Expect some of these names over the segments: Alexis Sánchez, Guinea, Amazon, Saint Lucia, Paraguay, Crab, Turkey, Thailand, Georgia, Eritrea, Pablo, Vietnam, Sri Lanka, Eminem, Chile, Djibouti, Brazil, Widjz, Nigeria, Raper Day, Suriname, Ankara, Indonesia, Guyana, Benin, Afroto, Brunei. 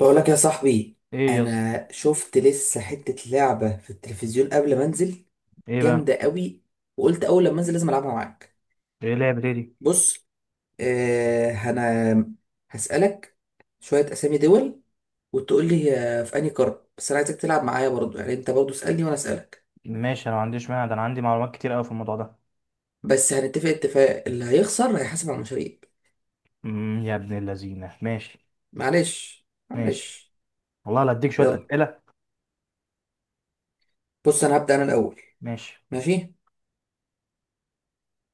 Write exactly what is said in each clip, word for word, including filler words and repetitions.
بقولك يا صاحبي، ايه يا اسطى. انا شفت لسه حتة لعبة في التلفزيون قبل ما انزل. ايه بقى؟ جامدة قوي. وقلت اول لما انزل لازم العبها معاك. ايه لعبة ايه دي؟ بص. آه انا هسألك شوية اسامي دول وتقول لي آه، في انهي قارة، بس انا عايزك تلعب معايا برضو، يعني انت برضو اسألني وانا اسألك. ماشي، انا ما عنديش مانع، ده انا عندي معلومات كتير قوي في الموضوع ده. بس هنتفق اتفاق، اللي هيخسر هيحاسب على المشاريب. امم يا ابن اللذينه، ماشي. معلش ماشي، معلش. والله لا اديك شويه يلا، اسئله. بص انا هبدأ انا الاول. ماشي. ماشي.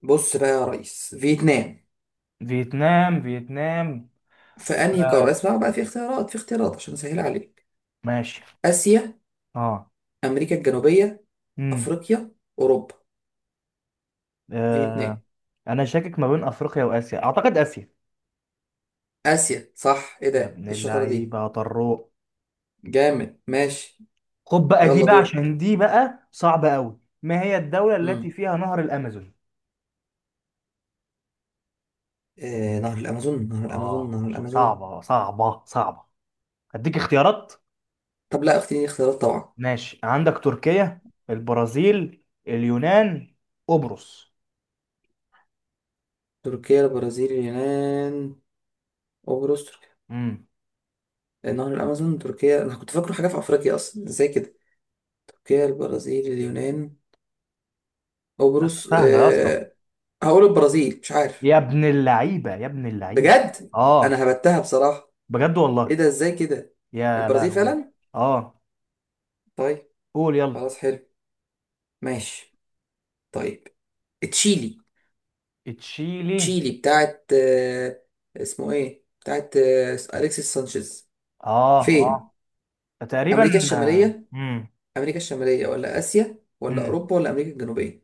بص بقى يا ريس، فيتنام فيتنام، فيتنام. في انهي قاره؟ آه. اسمع بقى، في اختيارات، في اختيارات عشان اسهل عليك. ماشي. اسيا، اه. امريكا الجنوبيه، امم افريقيا، اوروبا. فيتنام. آه. انا شاكك ما بين افريقيا واسيا، اعتقد اسيا. اسيا صح، ايه ده، يا إيه ابن الشطاره دي. اللعيبه يا طروق، جامد ماشي. خد بقى دي يلا بقى، دورك. عشان دي بقى صعبه قوي. ما هي الدوله التي امم فيها نهر الامازون؟ آه نهر الامازون نهر الامازون اه، نهر الامازون. صعبه صعبه صعبه. اديك اختيارات؟ طب لا، اختياري اختيارات طبعا. ماشي، عندك تركيا، البرازيل، اليونان، قبرص. تركيا، البرازيل، اليونان، قبرص. تركيا؟ امم آه، نهر الامازون تركيا، انا كنت فاكره حاجه في افريقيا اصلا، ازاي كده. تركيا، البرازيل، اليونان، قبرص سهلة يا اسطى. آه هقول البرازيل، مش عارف. يا ابن اللعيبة، يا ابن اللعيبة. بجد، انا اه، هبتها بصراحه. بجد ايه والله. ده، ازاي كده. يا البرازيل لهوي. فعلا. اه. طيب قول يلا. خلاص حلو. ماشي. طيب، تشيلي. تشيلي. تشيلي بتاعت آه، اسمه ايه، بتاعت آه، اليكسيس سانشيز اه، فين؟ اه. تقريبا. امريكا الشماليه. امم امريكا الشماليه ولا اسيا ولا امم اوروبا ولا امريكا الجنوبيه؟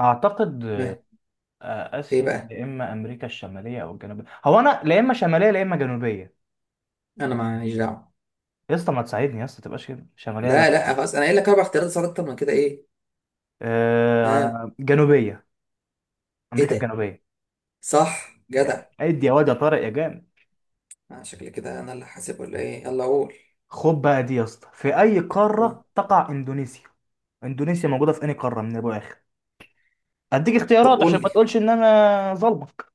اعتقد ها. آه، ايه اسيا، بقى، يا اما امريكا الشماليه او الجنوبيه. هو انا لا اما شماليه لا اما جنوبيه. انا ماليش دعوه. يا اسطى ما تساعدني يا اسطى، تبقاش كده شماليه ولا. لا لا خلاص، انا قايل لك اربع اختيارات، صارت اكتر من كده ايه. ها. آه، جنوبيه. ايه امريكا ده، الجنوبيه. صح جدع. يعني ادي يا واد يا طارق يا جامد. آه، شكلي كده انا اللي حاسب ولا ايه. يلا قول. خد بقى دي يا اسطى، في اي آه. قاره تقع اندونيسيا؟ اندونيسيا موجوده في اي قاره من ابو اخر؟ اديك طب اختيارات قول عشان ما لي. تقولش ان انا ظلمك.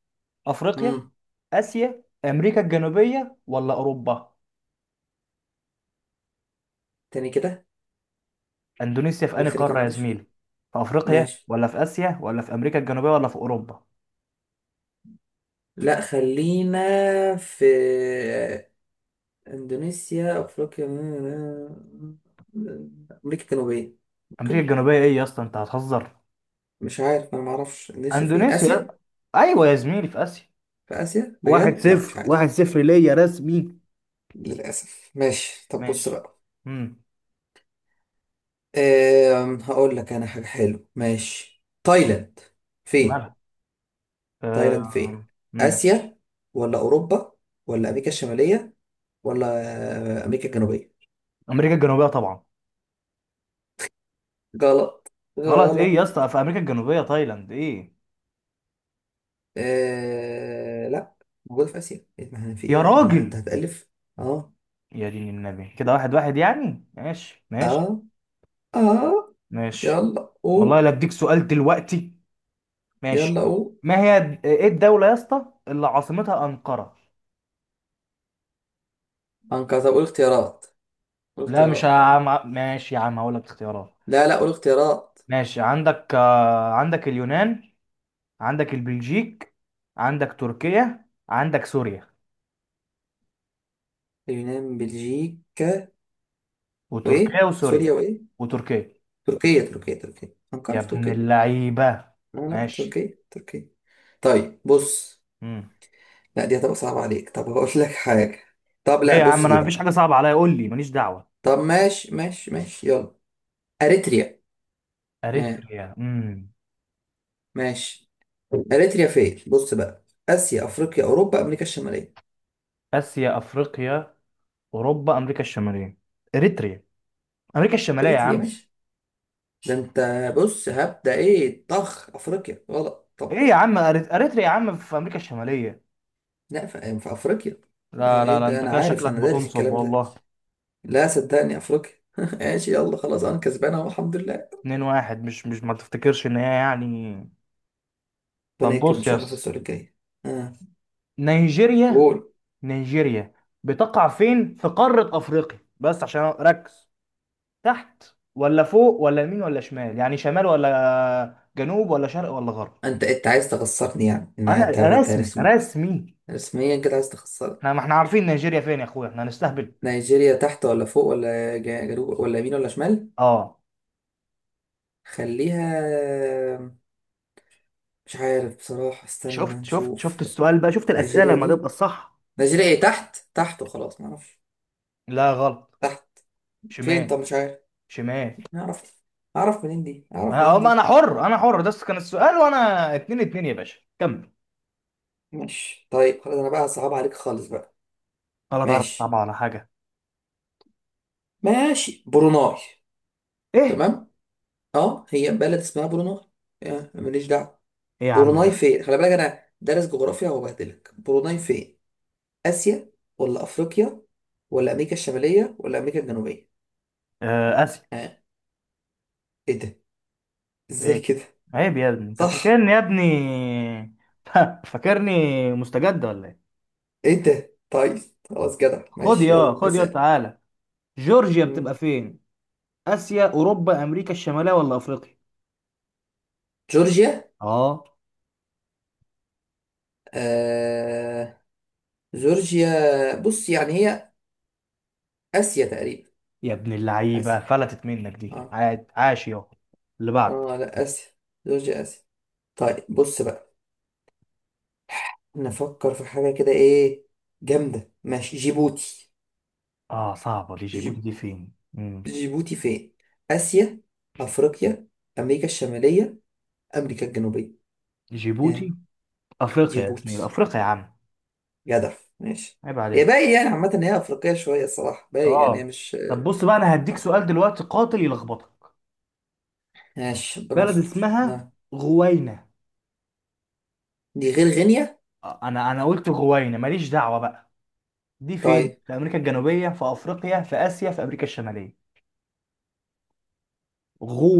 افريقيا، مم. اسيا، امريكا الجنوبيه، ولا اوروبا؟ تاني كده. اندونيسيا في اي قول تاني كده، قاره يا معلش. زميلي؟ في افريقيا، ماشي. ولا في اسيا، ولا في امريكا الجنوبيه، ولا في اوروبا؟ لا خلينا في، اندونيسيا، افريقيا، امريكا الجنوبيه امريكا ممكن. الجنوبيه؟ ايه يا اسطى، انت هتهزر؟ مش عارف، انا ما اعرفش. اندونيسيا في إيه؟ اندونيسيا؟ اسيا. ايوه يا زميلي، في اسيا. في اسيا واحد بجد؟ لا مش صفر، واحد عارف. صفر ليا رسمي. للاسف. ماشي طب، بص ماشي. بقى. امم أم هقول لك انا حاجه حلوه. ماشي، تايلاند فين؟ مالها؟ تايلاند فين، أه... اسيا ولا اوروبا ولا امريكا الشماليه ولا امريكا الجنوبيه؟ امريكا الجنوبيه طبعا. غلط، غلط ايه غلط. يا اسطى؟ في امريكا الجنوبيه تايلاند؟ ايه آه... لا، موجود في آسيا إيه، ما أنا في يا ايه، ولا انت راجل؟ هتألف. اه، يا دين النبي، كده واحد واحد يعني. ماشي ماشي. اه، اه. ماشي، يلا والله لا قول، اديك سؤال دلوقتي. يلا ماشي. قول. ما هي د- ايه الدوله يا اسطى اللي عاصمتها انقره؟ انقذ؟ طب قول اختيارات، قول لا مش اختيارات. عم... ماشي يا عم هقول لك اختيارات. لا لا، قول اختيارات. ماشي، عندك آه، عندك اليونان، عندك البلجيك، عندك تركيا، عندك سوريا. اليونان، بلجيكا، وايه، وتركيا وسوريا. سوريا وايه. وتركيا. تركيا، تركيا، تركيا، انقرة يا في ابن تركيا. اللعيبه. لا لا، ماشي. تركيا تركيا. طيب بص، مم. لا دي هتبقى صعبة عليك، طب هقول لك حاجة. طب ليه لا، يا عم؟ بص دي انا مفيش بقى. حاجه صعبه عليا، قول لي ماليش دعوه. طب ماشي ماشي ماشي، يلا. اريتريا. آه. اريتريا؟ امم ماشي. اريتريا فين، بص بقى، اسيا، افريقيا، اوروبا، امريكا الشماليه. اسيا، افريقيا، اوروبا، امريكا الشماليه؟ اريتريا، امريكا الشماليه يا اريتريا. عم. ماشي، ده انت. بص هبدا ايه، طخ، افريقيا غلط ايه طبعا. يا عم؟ أريت- اريتريا يا عم في امريكا الشماليه. لا، في, في افريقيا. هو لا لا ايه لا، ده، انت انا كده عارف، شكلك انا دارس بتنصب الكلام ده. والله. لا صدقني، افريقيا. ماشي يلا خلاص، انا كسبان اهو الحمد لله. اتنين واحد. مش مش ما تفتكرش ان هي يعني. ربنا طب يكرم ان بص، شاء الله في يس. السؤال الجاي. اه، نيجيريا. قول. نيجيريا بتقع فين في قاره افريقيا؟ بس عشان ركز، تحت ولا فوق ولا يمين ولا شمال، يعني شمال ولا جنوب ولا شرق ولا غرب؟ انت انت عايز تخسرني يعني، إن انا انت أنت رسمي رسمي؟ رسمي. رسميا كده عايز تخسرني. احنا ما احنا عارفين نيجيريا فين يا اخويا؟ احنا هنستهبل؟ نيجيريا تحت ولا فوق ولا جا- جنوب ولا يمين ولا شمال. اه. خليها، مش عارف بصراحة، استنى شفت شفت شفت نشوف. السؤال بقى، شفت الاسئله نيجيريا لما تبقى دي، الصح؟ نيجيريا ايه، تحت تحت وخلاص، معرفش. لا، غلط. تحت. فين؟ شمال. طب مش عارف. شمال. اعرف، اعرف منين دي، اعرف انا منين أم- انا دي. حر انا حر، ده كان السؤال وانا. اتنين اتنين يا باشا، كمل. ماشي طيب خلاص، انا بقى صعب عليك خالص بقى. ولا تعرف ماشي، طبعا على حاجه. ماشي. بروناي. ايه؟ تمام. اه هي بلد اسمها بروناي. آه، ماليش دعوة. ايه يا عم بروناي ده؟ فين، خلي بالك انا دارس جغرافيا وبهدلك. بروناي فين، اسيا ولا افريقيا ولا امريكا الشمالية ولا امريكا الجنوبية؟ آه، اسف. ها، ايه ده، ازاي عيب، كده. عيب يا ابني، انت صح. فاكرني يا ابني فاكرني؟ مستجد ولا ايه؟ ايه ده، طيب خلاص جدع. خد ماشي يا، يلا خد يا، اسأل. تعالى. جورجيا بتبقى مم. فين؟ اسيا، اوروبا، امريكا الشماليه، ولا افريقيا؟ جورجيا؟ اه. آه... جورجيا، بص يعني هي آسيا تقريبا. يا ابن اللعيبه، آسيا. فلتت منك دي، اه، عاد، عاش يا. اللي بعد. اه لا، آسيا. جورجيا آسيا. طيب بص بقى، نفكر في حاجة كده ايه جامدة. ماشي، جيبوتي. اه، صعبه دي. جيبوتي جيب... دي فين؟ مم. جيبوتي فين، آسيا، أفريقيا، أمريكا الشمالية، أمريكا الجنوبية؟ جيبوتي. يعني افريقيا يا زميلي، جيبوتي، افريقيا يا عم. جدع. ماشي، عيب هي عليك. باين يعني عامة إن هي أفريقية شوية الصراحة، باين يعني هي اه. مش. طب بص بقى، انا هديك سؤال دلوقتي قاتل يلخبطك. ماشي ربنا بلد يستر. اسمها آه. غوينا. دي غير غينيا. آه، انا انا قلت غوينا، ماليش دعوه بقى. دي فين؟ طيب. في امريكا الجنوبيه، في افريقيا، في اسيا، في امريكا الشماليه؟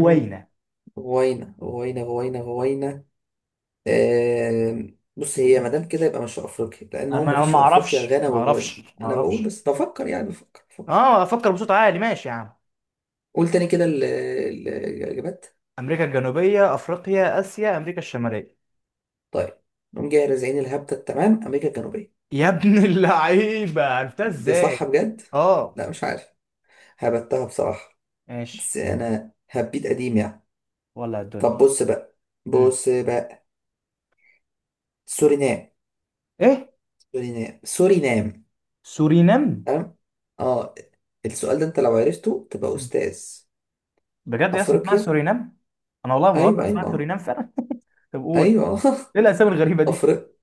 مم. غوينا، غوينا، غوينا، غوينا. آه. بص هي ما دام كده يبقى مش في افريقيا، لان انا هو ما أنا مفيش ما في افريقيا اعرفش، غانا ما وغوينا، اعرفش، ما انا بقول اعرفش. بس، بفكر يعني، بفكر بفكر. اه، افكر بصوت عالي. ماشي يا عم. قول تاني كده ال- ال- الاجابات. امريكا الجنوبيه، افريقيا، اسيا، امريكا الشماليه؟ طيب. نقوم جاي رازعين الهبده التمام، امريكا الجنوبيه. يا ابن اللعيبه، عرفتها دي صح ازاي؟ بجد. اه. لا مش عارف، هبتها بصراحه. ماشي. بس انا هبيت قديم يعني. ولا الدنيا. طب بص بقى، مم. بص بقى، سورينام؟ ايه؟ سورينام سورينام. سورينام. أم؟ اه، السؤال ده انت لو عرفته تبقى مم. استاذ. بجد يا اسطى اسمها افريقيا. سورينام؟ انا والله ما بهزر، ايوه، اسمها ايوه. آه. سورينام فعلا. طب قول. ايوه. ايه الاسامي الغريبه دي؟ أفريق...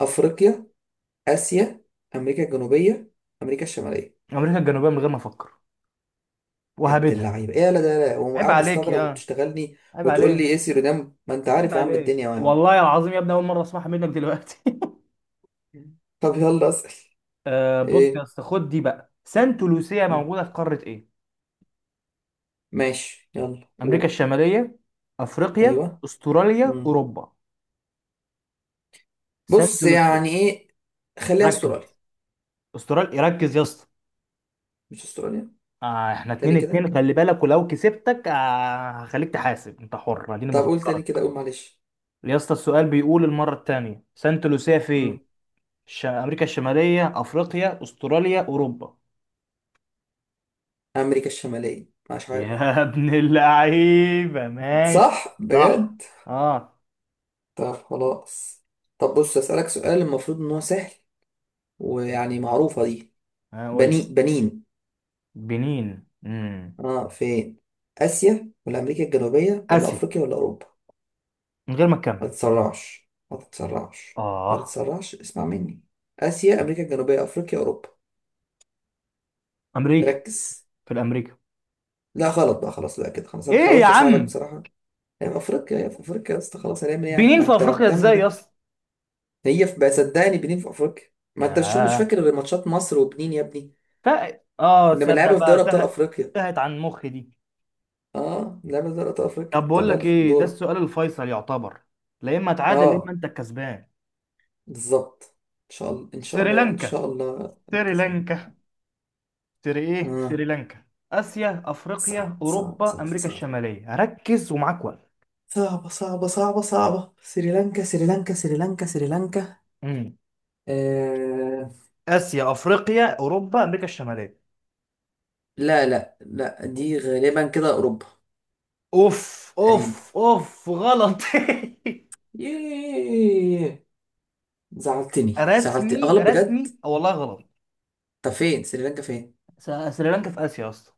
افريقيا، اسيا، امريكا الجنوبيه، امريكا الشماليه. امريكا الجنوبيه من غير ما افكر، يا ابن وهبدها. اللعيبه، ايه لا، ده لا، هو عيب قاعد عليك بيستغرب يا، وبتشتغلني عيب وتقول لي عليك. ايه سيرودام، ما انت عيب عارف يا عم عليك الدنيا أهو يا عم. والله العظيم يا ابني، اول مره اسمعها منك دلوقتي. طب يلا اسال. آه، بص يا ايه. اسطى، خد دي بقى. سانت لوسيا مم. موجوده في قاره ايه؟ ماشي يلا أمريكا قول. الشمالية، أفريقيا، ايوه. أستراليا، مم. أوروبا؟ سانت بص لوسيا. يعني ايه، خليها ركز. استراليا. أستراليا. ركز يا اسطى. مش استراليا. آه، احنا اتنين تاني كده، اتنين، خلي بالك، ولو كسبتك آه هخليك تحاسب، انت حر، اديني طب قول تاني بفكرك. كده، قول معلش. يا اسطى، السؤال بيقول المرة التانية، سانت لوسيا فين؟ الش- أمريكا الشمالية، أفريقيا، أستراليا، أوروبا؟ أمريكا الشمالية، مش عارف. يا ابن اللعيبة، ماشي. صح صح. بجد. اه. طب خلاص، طب بص، أسألك سؤال المفروض إن هو سهل ويعني معروفة دي. بني، هقول بنين. بنين. امم اه، فين؟ آسيا ولا أمريكا الجنوبية ولا آسيا، أفريقيا ولا أوروبا؟ من غير ما تكمل. ما تتسرعش، ما تتسرعش، ما اه. تتسرعش، اسمع مني. آسيا، أمريكا الجنوبية، أفريقيا، أوروبا. أمريكا. ركز. في الأمريكا. لا غلط بقى، خلاص بقى كده، خلاص أنا ايه يا حاولت أساعدك عم؟ بصراحة. هي في أفريقيا، هي في أفريقيا يا اسطى، خلاص هنعمل إيه يعني، ما بنين في أنت افريقيا بتعمل ازاي يا حاجات. اسطى؟ هي في بقى صدقني، بنين في افريقيا. ما انت مش مش ياه. فاكر غير ماتشات مصر وبنين يا ابني. ف... اه، كنا تصدق بنلعبها في بقى دوري ابطال تهت. افريقيا. تهت عن مخي دي. اه بنلعبها في دوري ابطال افريقيا. طب بقول طب لك يلا ايه، ده دورك. السؤال الفيصل يعتبر، لا اما تعادل لا اما اه انت الكسبان. بالظبط. ان شاء الله، ان شاء الله، ان سريلانكا. شاء الله، ركز معايا. سريلانكا. سري ايه؟ اه سريلانكا. اسيا، افريقيا، صعب صعب اوروبا، صعب امريكا صعب. الشماليه؟ ركز ومعاك وقت. صعبة صعبة صعبة صعبة، سريلانكا سريلانكا سريلانكا سريلانكا. مم. آه... اسيا، افريقيا، اوروبا، امريكا الشماليه. لا لا لا، دي غالبا كده أوروبا. اوف قريب. اوف اوف، غلط. ياه، زعلتني، زعلت رسمي أغلب بجد. رسمي والله، غلط. طب فين سريلانكا فين؟ س- سريلانكا في اسيا اصلا.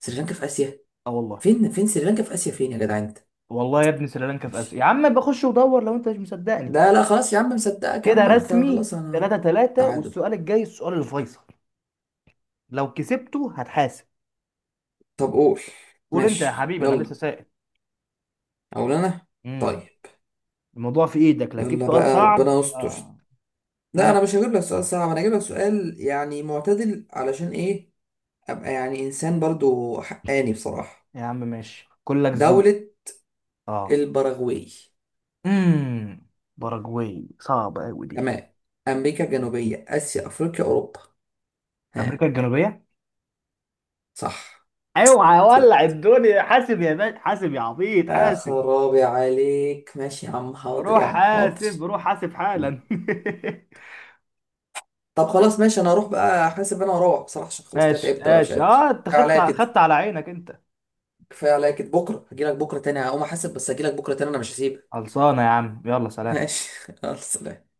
سريلانكا في آسيا؟ اه والله. فين، فين سريلانكا في آسيا، فين يا جدعان انت. والله يا ابني سريلانكا في اسيا، مش- يا عم بخش ودور لو انت مش مصدقني. لا لا خلاص يا عم، مصدقك يا كده عم انت، خلاص رسمي انا. تلاتة 3، تعادل. والسؤال الجاي السؤال الفيصل، لو كسبته هتحاسب. طب قول. قول انت يا ماشي حبيبي، انا لسه يلا، سائل. اقول انا. امم طيب. الموضوع في ايدك، لا تجيب يلا سؤال بقى ربنا صعب. يستر. آه. لا لا انا. انا مش هجيب لك سؤال صعب، انا هجيب لك سؤال يعني معتدل علشان ايه، ابقى يعني انسان برضو حقاني بصراحة. يا عم ماشي، كلك ذوق. دولة اه. البراغواي. امم باراجواي، صعبه قوي دي. تمام، امريكا الجنوبية، اسيا، افريقيا، اوروبا. امريكا ها. الجنوبيه. صح. اوعى ولع الدنيا، حاسب يا باشا، حاسب يا عبيط، يا حاسب. خرابي عليك، ماشي يا عم، حاضر روح يا عم حاضر. حاسب، روح حاسب حالا. طب خلاص ماشي، انا هروح بقى حاسب انا، واروح بصراحه عشان خلاص كده ماشي تعبت بقى مش ماشي. قادر. اه، انت كفايه خدت عليا كده، خدت على عينك انت. كفايه عليا كده. بكره هجيلك بكره تاني، هقوم احاسب بس هجيلك بكره تاني، انا مش هسيبك. خلصانه يا عم، يلا سلام. ماشي. يلا سلام.